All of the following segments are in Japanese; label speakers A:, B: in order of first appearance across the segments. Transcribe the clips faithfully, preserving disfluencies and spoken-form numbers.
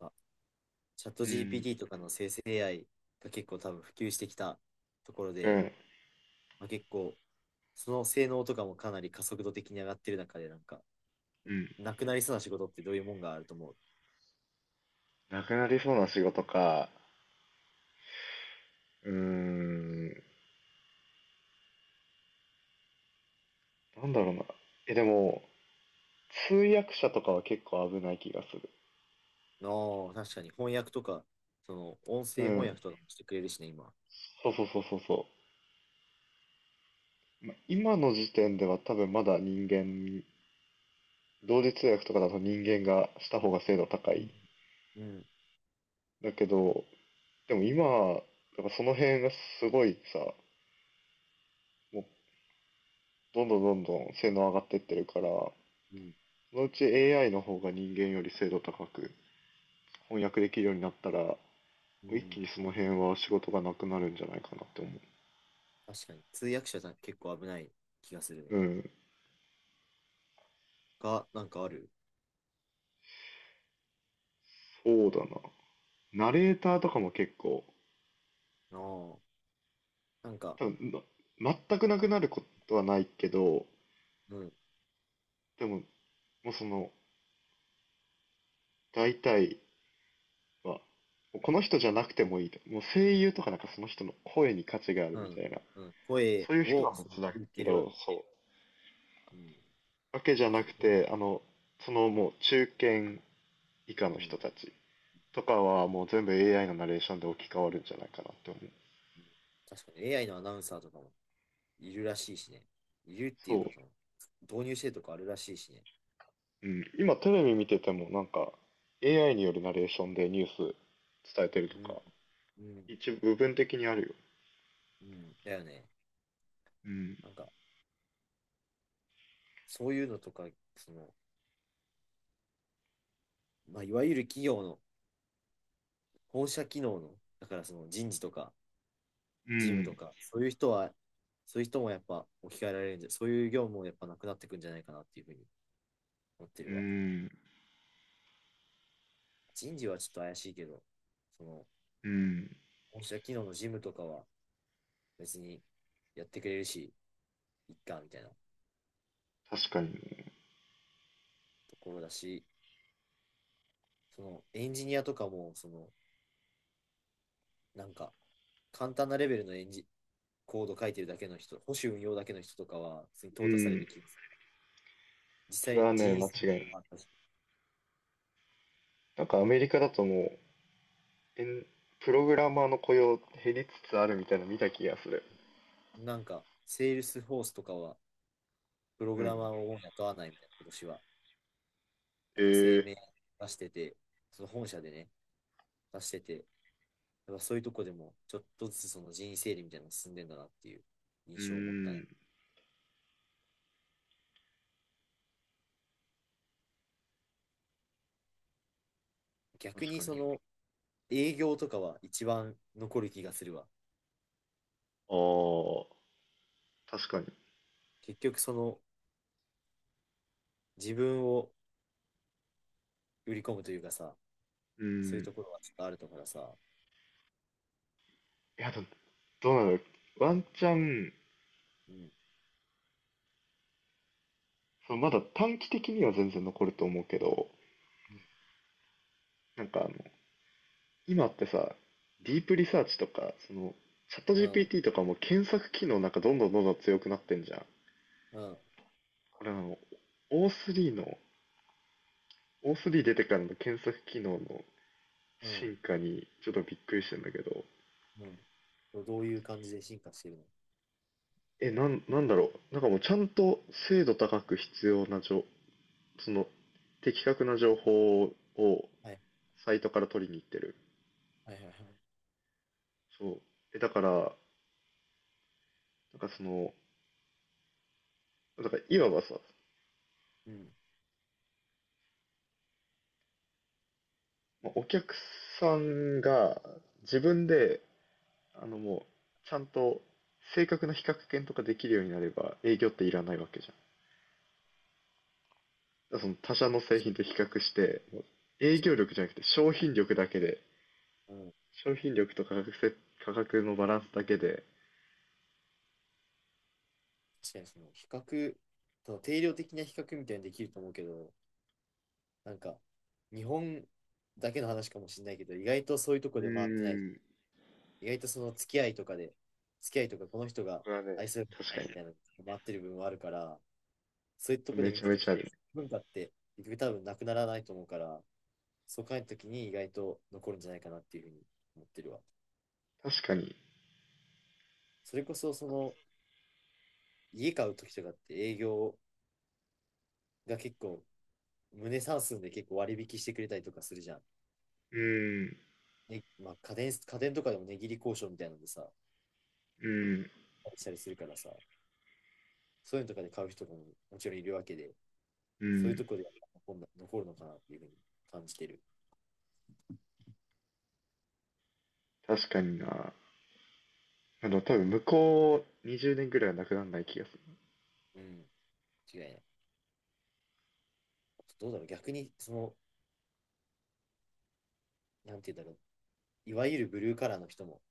A: あチャット
B: うん、
A: ジーピーティー とかの生成 エーアイ が結構多分普及してきたところ
B: う
A: で、
B: ん。
A: まあ、結構その性能とかもかなり加速度的に上がってる中で、なんか、
B: うん。
A: なくなりそうな仕事ってどういうもんがあると思う
B: なくなりそうな仕事か。うーん。なんだろうな。え、でも、通訳者とかは結構危ない気がする。
A: の？確かに翻訳とか、その音
B: う
A: 声翻
B: ん。
A: 訳とかもしてくれるしね、今。
B: そうそうそうそうそう。ま今の時点では多分まだ人間、同時通訳とかだと人間がした方が精度高
A: うん、
B: い。
A: うん、
B: だけど、でも今、だからその辺がすごいさ、もうどんどんどんどん性能上がってってるから、そのうち エーアイ の方が人間より精度高く翻訳できるようになったら、
A: う
B: 一
A: ん。
B: 気にその辺は仕事がなくなるんじゃないかなって思
A: 確かに。通訳者じゃ結構危ない気がする
B: う。う
A: ね。
B: ん、
A: が、なんかある
B: そうだな。ナレーターとかも結構、
A: の？なんか、
B: 多分な全くなくなることはないけど、
A: うん、
B: でも、もうその、大体は、もうこの人じゃなくてもいいと。もう声優とかなんかその人の声に価値がある
A: う
B: みた
A: ん、
B: いな。
A: うん。声
B: そういう人
A: を、
B: は
A: その
B: 別だ
A: 言っ
B: け
A: てるわ。
B: ど、そう。
A: うん。
B: わけじ
A: なん
B: ゃ
A: か
B: な
A: そう
B: く
A: いう、
B: て、あの、そのもう中堅以下
A: う
B: の
A: ん。
B: 人たちとかはもう全部 エーアイ のナレーションで置き換わるんじゃないかなって思う。
A: 確かに エーアイ のアナウンサーとかもいるらしいしね。いるっていう
B: そう。
A: か、その、導入してるとかあるらしいしね。
B: うん、今テレビ見ててもなんか エーアイ によるナレーションでニュース伝えてると
A: うん。
B: か、
A: うん。
B: 一部部分的にあるよ。
A: うん。だよね。
B: うん。
A: なんか、そういうのとか、その、まあ、いわゆる企業の本社機能の、だからその人事とか、
B: う
A: 事務と
B: ん。
A: か、そういう人は、そういう人もやっぱ置き換えられるんじゃ、そういう業務もやっぱなくなってくんじゃないかなっていうふうに思って
B: う
A: るわ。
B: ん。
A: 人事はちょっと怪しいけど、その、
B: うん。
A: 本社機能の事務とかは別にやってくれるし、いっか、みたいな
B: 確かにね。
A: ところだし、そのエンジニアとかも、そのなんか簡単なレベルのエンジコード書いてるだけの人、保守運用だけの人とかは、普通に
B: う
A: 淘汰され
B: ん。
A: る気がする。実
B: それ
A: 際、
B: はね、
A: 人
B: 間違
A: 生
B: いない。
A: もあったし、
B: なんかアメリカだともう、エンプログラマーの雇用減りつつあるみたいなの見た気がする。
A: なんか、セールスフォースとかは、プロ
B: う
A: グラ
B: ん。
A: マーをもう雇わないみたいな、今年は、な
B: え
A: んか声
B: ー、
A: 明出してて、その本社でね、出してて、やっぱそういうとこでも、ちょっとずつその人員整理みたいなのが進んでんだなっていう
B: う
A: 印象を持ったね。
B: ん。
A: 逆
B: 確
A: に
B: か
A: そ
B: に。
A: の営業とかは一番残る気がするわ。
B: ああ、確かに。
A: 結局その自分を売り込むというかさ、
B: う
A: そういう
B: ん。
A: ところはちょっとあるだからさ、
B: いや、どどうなのワンチャン、
A: うん、
B: そのまだ短期的には全然残ると思うけど、
A: うん、
B: なんかあの、今ってさ、ディープリサーチとか、その、チャット
A: うん、
B: ジーピーティー とかも検索機能なんかどんどんどんどん強くなってんじゃん。
A: うん、
B: これあの、オースリー の、オースリー 出てからの検索機能の
A: うん。
B: 進化にちょっとびっくりしてんだけど、
A: うん、どういう感じで進化してるの？
B: え、なん、なんだろう。なんかもうちゃんと精度高く必要な情、その、的確な情報を
A: はい、
B: サイトから取りに行ってる。
A: はい、はい、はい。
B: そう。え、だから、なんかその、だからいわばさ、
A: うん、
B: お客さんが自分で、あのもう、ちゃんと正確な比較検とかできるようになれば営業っていらないわけじゃん。だからその他社の製品と比較して、もう営
A: 確
B: 業
A: か
B: 力じゃなくて商品力だけで、
A: に。うん、
B: 商品力と価格せ、価格のバランスだけで、
A: 確かにその比較、その定量的な比較みたいにできると思うけど、なんか、日本だけの話かもしれないけど、意外とそういうとこ
B: う
A: で回ってない。
B: ーん、
A: 意外とその付き合いとかで、付き合いとかこの人が
B: これはね、
A: 愛するか
B: 確
A: らみ
B: か
A: たいなのが回ってる部分はあるから、そういうと
B: に、
A: こで
B: め
A: 見
B: ちゃ
A: た
B: め
A: と
B: ち
A: き、
B: ゃあるね。
A: 文化って結局多分なくならないと思うから、そう考えたときに意外と残るんじゃないかなっていうふうに思ってるわ。
B: 確かに、
A: それこそ、その、家買うときとかって営業が結構、胸算数で結構割引してくれたりとかするじゃん。
B: うーん、う
A: ね、まあ家電、家電とかでも値切り交渉みたいなのでさ、
B: ーん、
A: したりするからさ、そういうのとかで買う人ももちろんいるわけで、
B: う
A: そういう
B: ん、
A: とこで残るのかなっていうふうに感じてる。
B: 確かにな。あの、多分向こうにじゅうねんぐらいはなくならない気がする。
A: うん、違いない。どうだろう、逆に、その、なんていうんだろう、いわゆるブルーカラーの人も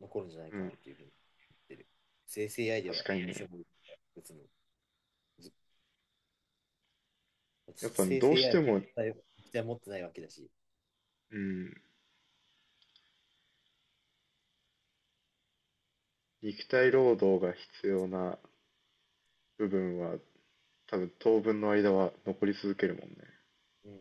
A: 残るんじゃない
B: う
A: かな
B: ん、
A: っていうふうに言ってる。生成 エーアイ で
B: 確
A: は
B: かに
A: どうしよ
B: ね。
A: うもない別に。
B: やっぱ
A: 生
B: ど
A: 成
B: うしても、
A: エーアイ は期待持ってないわけだし、
B: うん、肉体労働が必要な部分は、多分当分の間は残り続けるもんね。
A: うん、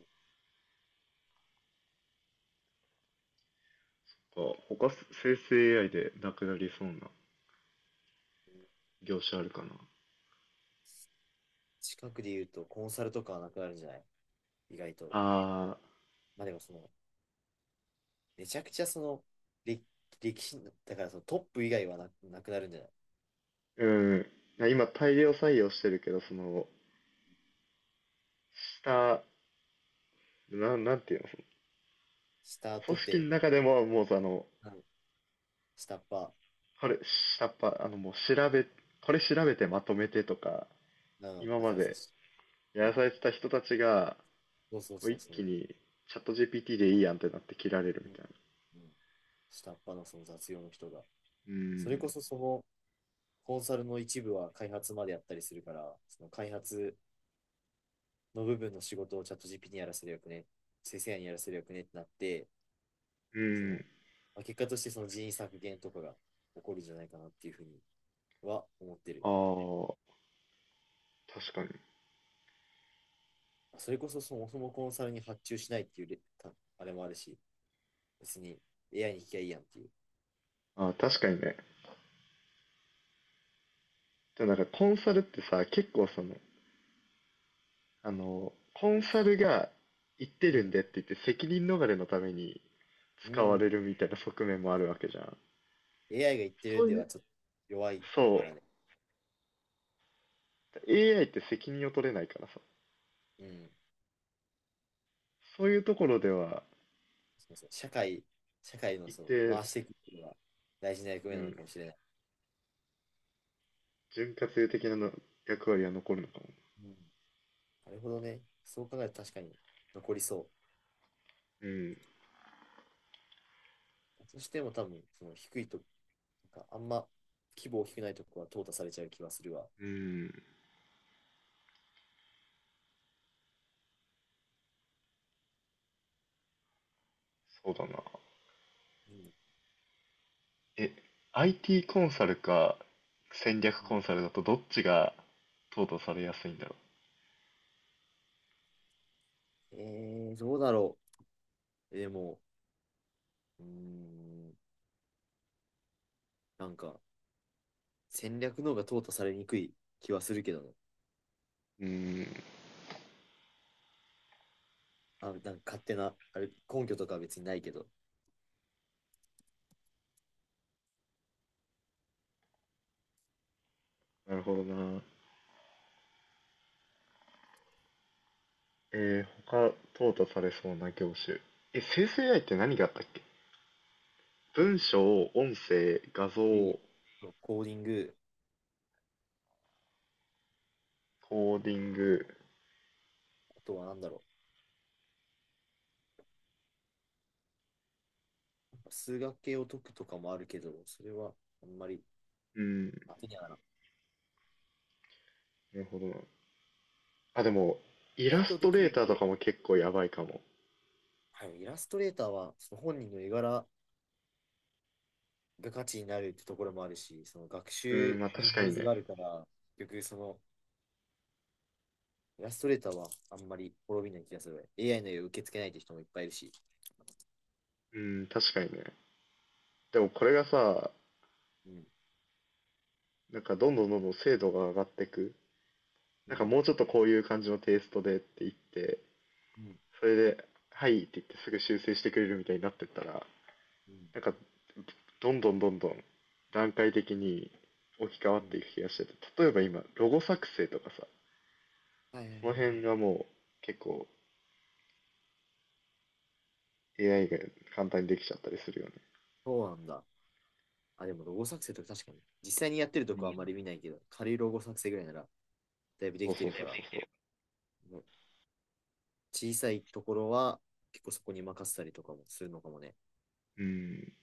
B: なんか他生成 エーアイ でなくなりそうな業種あるかな。
A: 近くで言うとコンサルとかはなくなるんじゃない？意外と。
B: ああ、
A: まあでもその、めちゃくちゃその、歴歴史の、だからそのトップ以外はな、なくなるんじゃない？
B: うん。今大量採用してるけど、その、下、なん、なんていうの、
A: スター
B: そ
A: ト
B: の
A: っ
B: 組織の
A: て、
B: 中でも、もうあの、
A: うん、下っ端、
B: これ、下っ端、あの、もう調べ、これ調べてまとめてとか、
A: うん、
B: 今
A: だ
B: ま
A: からそ
B: で
A: の、
B: や
A: う
B: ら
A: ん、
B: されてた人たちが、
A: そうそう
B: もう
A: そう
B: 一
A: そ
B: 気
A: う、
B: にチャット ジーピーティー でいいやんってなって切られる
A: う
B: み
A: ん、
B: たい
A: うん、下っ端のその雑用の人が、それこ
B: な。
A: そその、コンサルの一部は開発までやったりするから、その開発の部分の仕事をチャット ジーピー にやらせるよくね、生成 a にやらせるよくねってなって、
B: う
A: そ
B: ん。う
A: の、
B: ん。
A: まあ、結果としてその人員削減とかが起こるんじゃないかなっていうふうには思ってる。
B: ああ、確かに。
A: それこそそもそもコンサルに発注しないっていうあれもあるし、別に エーアイ に聞きゃいいやんっていう。
B: ああ、確かにね。でもなんかコンサルってさ、結構その、あの、コンサルが言って
A: う
B: るん
A: ん。
B: でって言って責任逃れのために
A: う
B: 使われ
A: ん。
B: るみたいな側面もあるわけじゃん。
A: エーアイ が言ってる
B: そ
A: ん
B: う
A: で
B: い
A: は
B: う、
A: ちょっと弱い
B: そう。
A: からね。
B: エーアイ って責任を取れないからさ。
A: うん。
B: そういうところでは、
A: すみません。社会、社会の
B: 一
A: その
B: 定、
A: 回していくことが大事な役
B: う
A: 目なの
B: ん、
A: かもしれない。
B: 潤滑油的なの役割は残るのかも。
A: うん、なるほどね。そう考えると確かに残りそ
B: うん、
A: う。そしても多分、その低いと、なんかあんま規模大きくないとこは淘汰されちゃう気はするわ。
B: うん、そうだな。
A: うん。
B: え、アイティー コンサルか戦略
A: う
B: コ
A: ん、
B: ンサルだとどっちが淘汰されやすいんだろ
A: えー、どうだろう。でも、うーん、なんか戦略の方が淘汰されにくい気はするけどね。
B: う。うーん、
A: あ、なんか勝手な、あれ、根拠とかは別にないけど。
B: なるほどな。えー、他淘汰されそうな業種。え、生成 エーアイ って何があったっけ？文章、音声、画像、
A: いい。コーディング、
B: コーディング。
A: あとはなんだろう。数学系を解くとかもあるけど、それはあんまり
B: うん、な
A: 当てにはなら
B: るほどな。あ、でも、イ
A: ない。意外
B: ラ
A: と
B: ス
A: で
B: トレ
A: き
B: ー
A: る
B: ターと
A: と
B: かも結構やばいかも。
A: はいイラストレーターはその本人の絵柄が価値になるってところもあるし、その学
B: うん、
A: 習
B: まあ
A: に
B: 確か
A: ノイ
B: に
A: ズ
B: ね。
A: があるから、結局そのイラストレーターはあんまり滅びない気がする。エーアイ の絵を受け付けないって人もいっぱいいるし。
B: うん、確かにね。でもこれがさ、
A: うん、
B: なんかどんどんどんどん精度が上がってく、
A: う
B: なんか
A: ん、
B: もうちょっとこういう感じのテイストでって言って、
A: うん、
B: それで、はいって言ってすぐ修正してくれるみたいになってったら、
A: うん、
B: なんかどんどんどんどん段階的に置き換
A: う
B: わって
A: ん。
B: いく気がしてて、例えば今、ロゴ作成とかさ、
A: はいはいは
B: そ
A: い
B: の
A: は
B: 辺が
A: い。
B: もう結構 エーアイ が簡単にできちゃったりするよね。
A: そうなんだ。あ、でもロゴ作成とか確かに。実際にやってると
B: う
A: こはあん
B: ん。
A: まり見ないけど、軽いロゴ作成ぐらいならだいぶで
B: そう
A: きて
B: そう
A: る
B: そう
A: か
B: そう
A: ら、
B: そ
A: もう小さいところは結構そこに任せたりとかもするのかもね。
B: う。うん。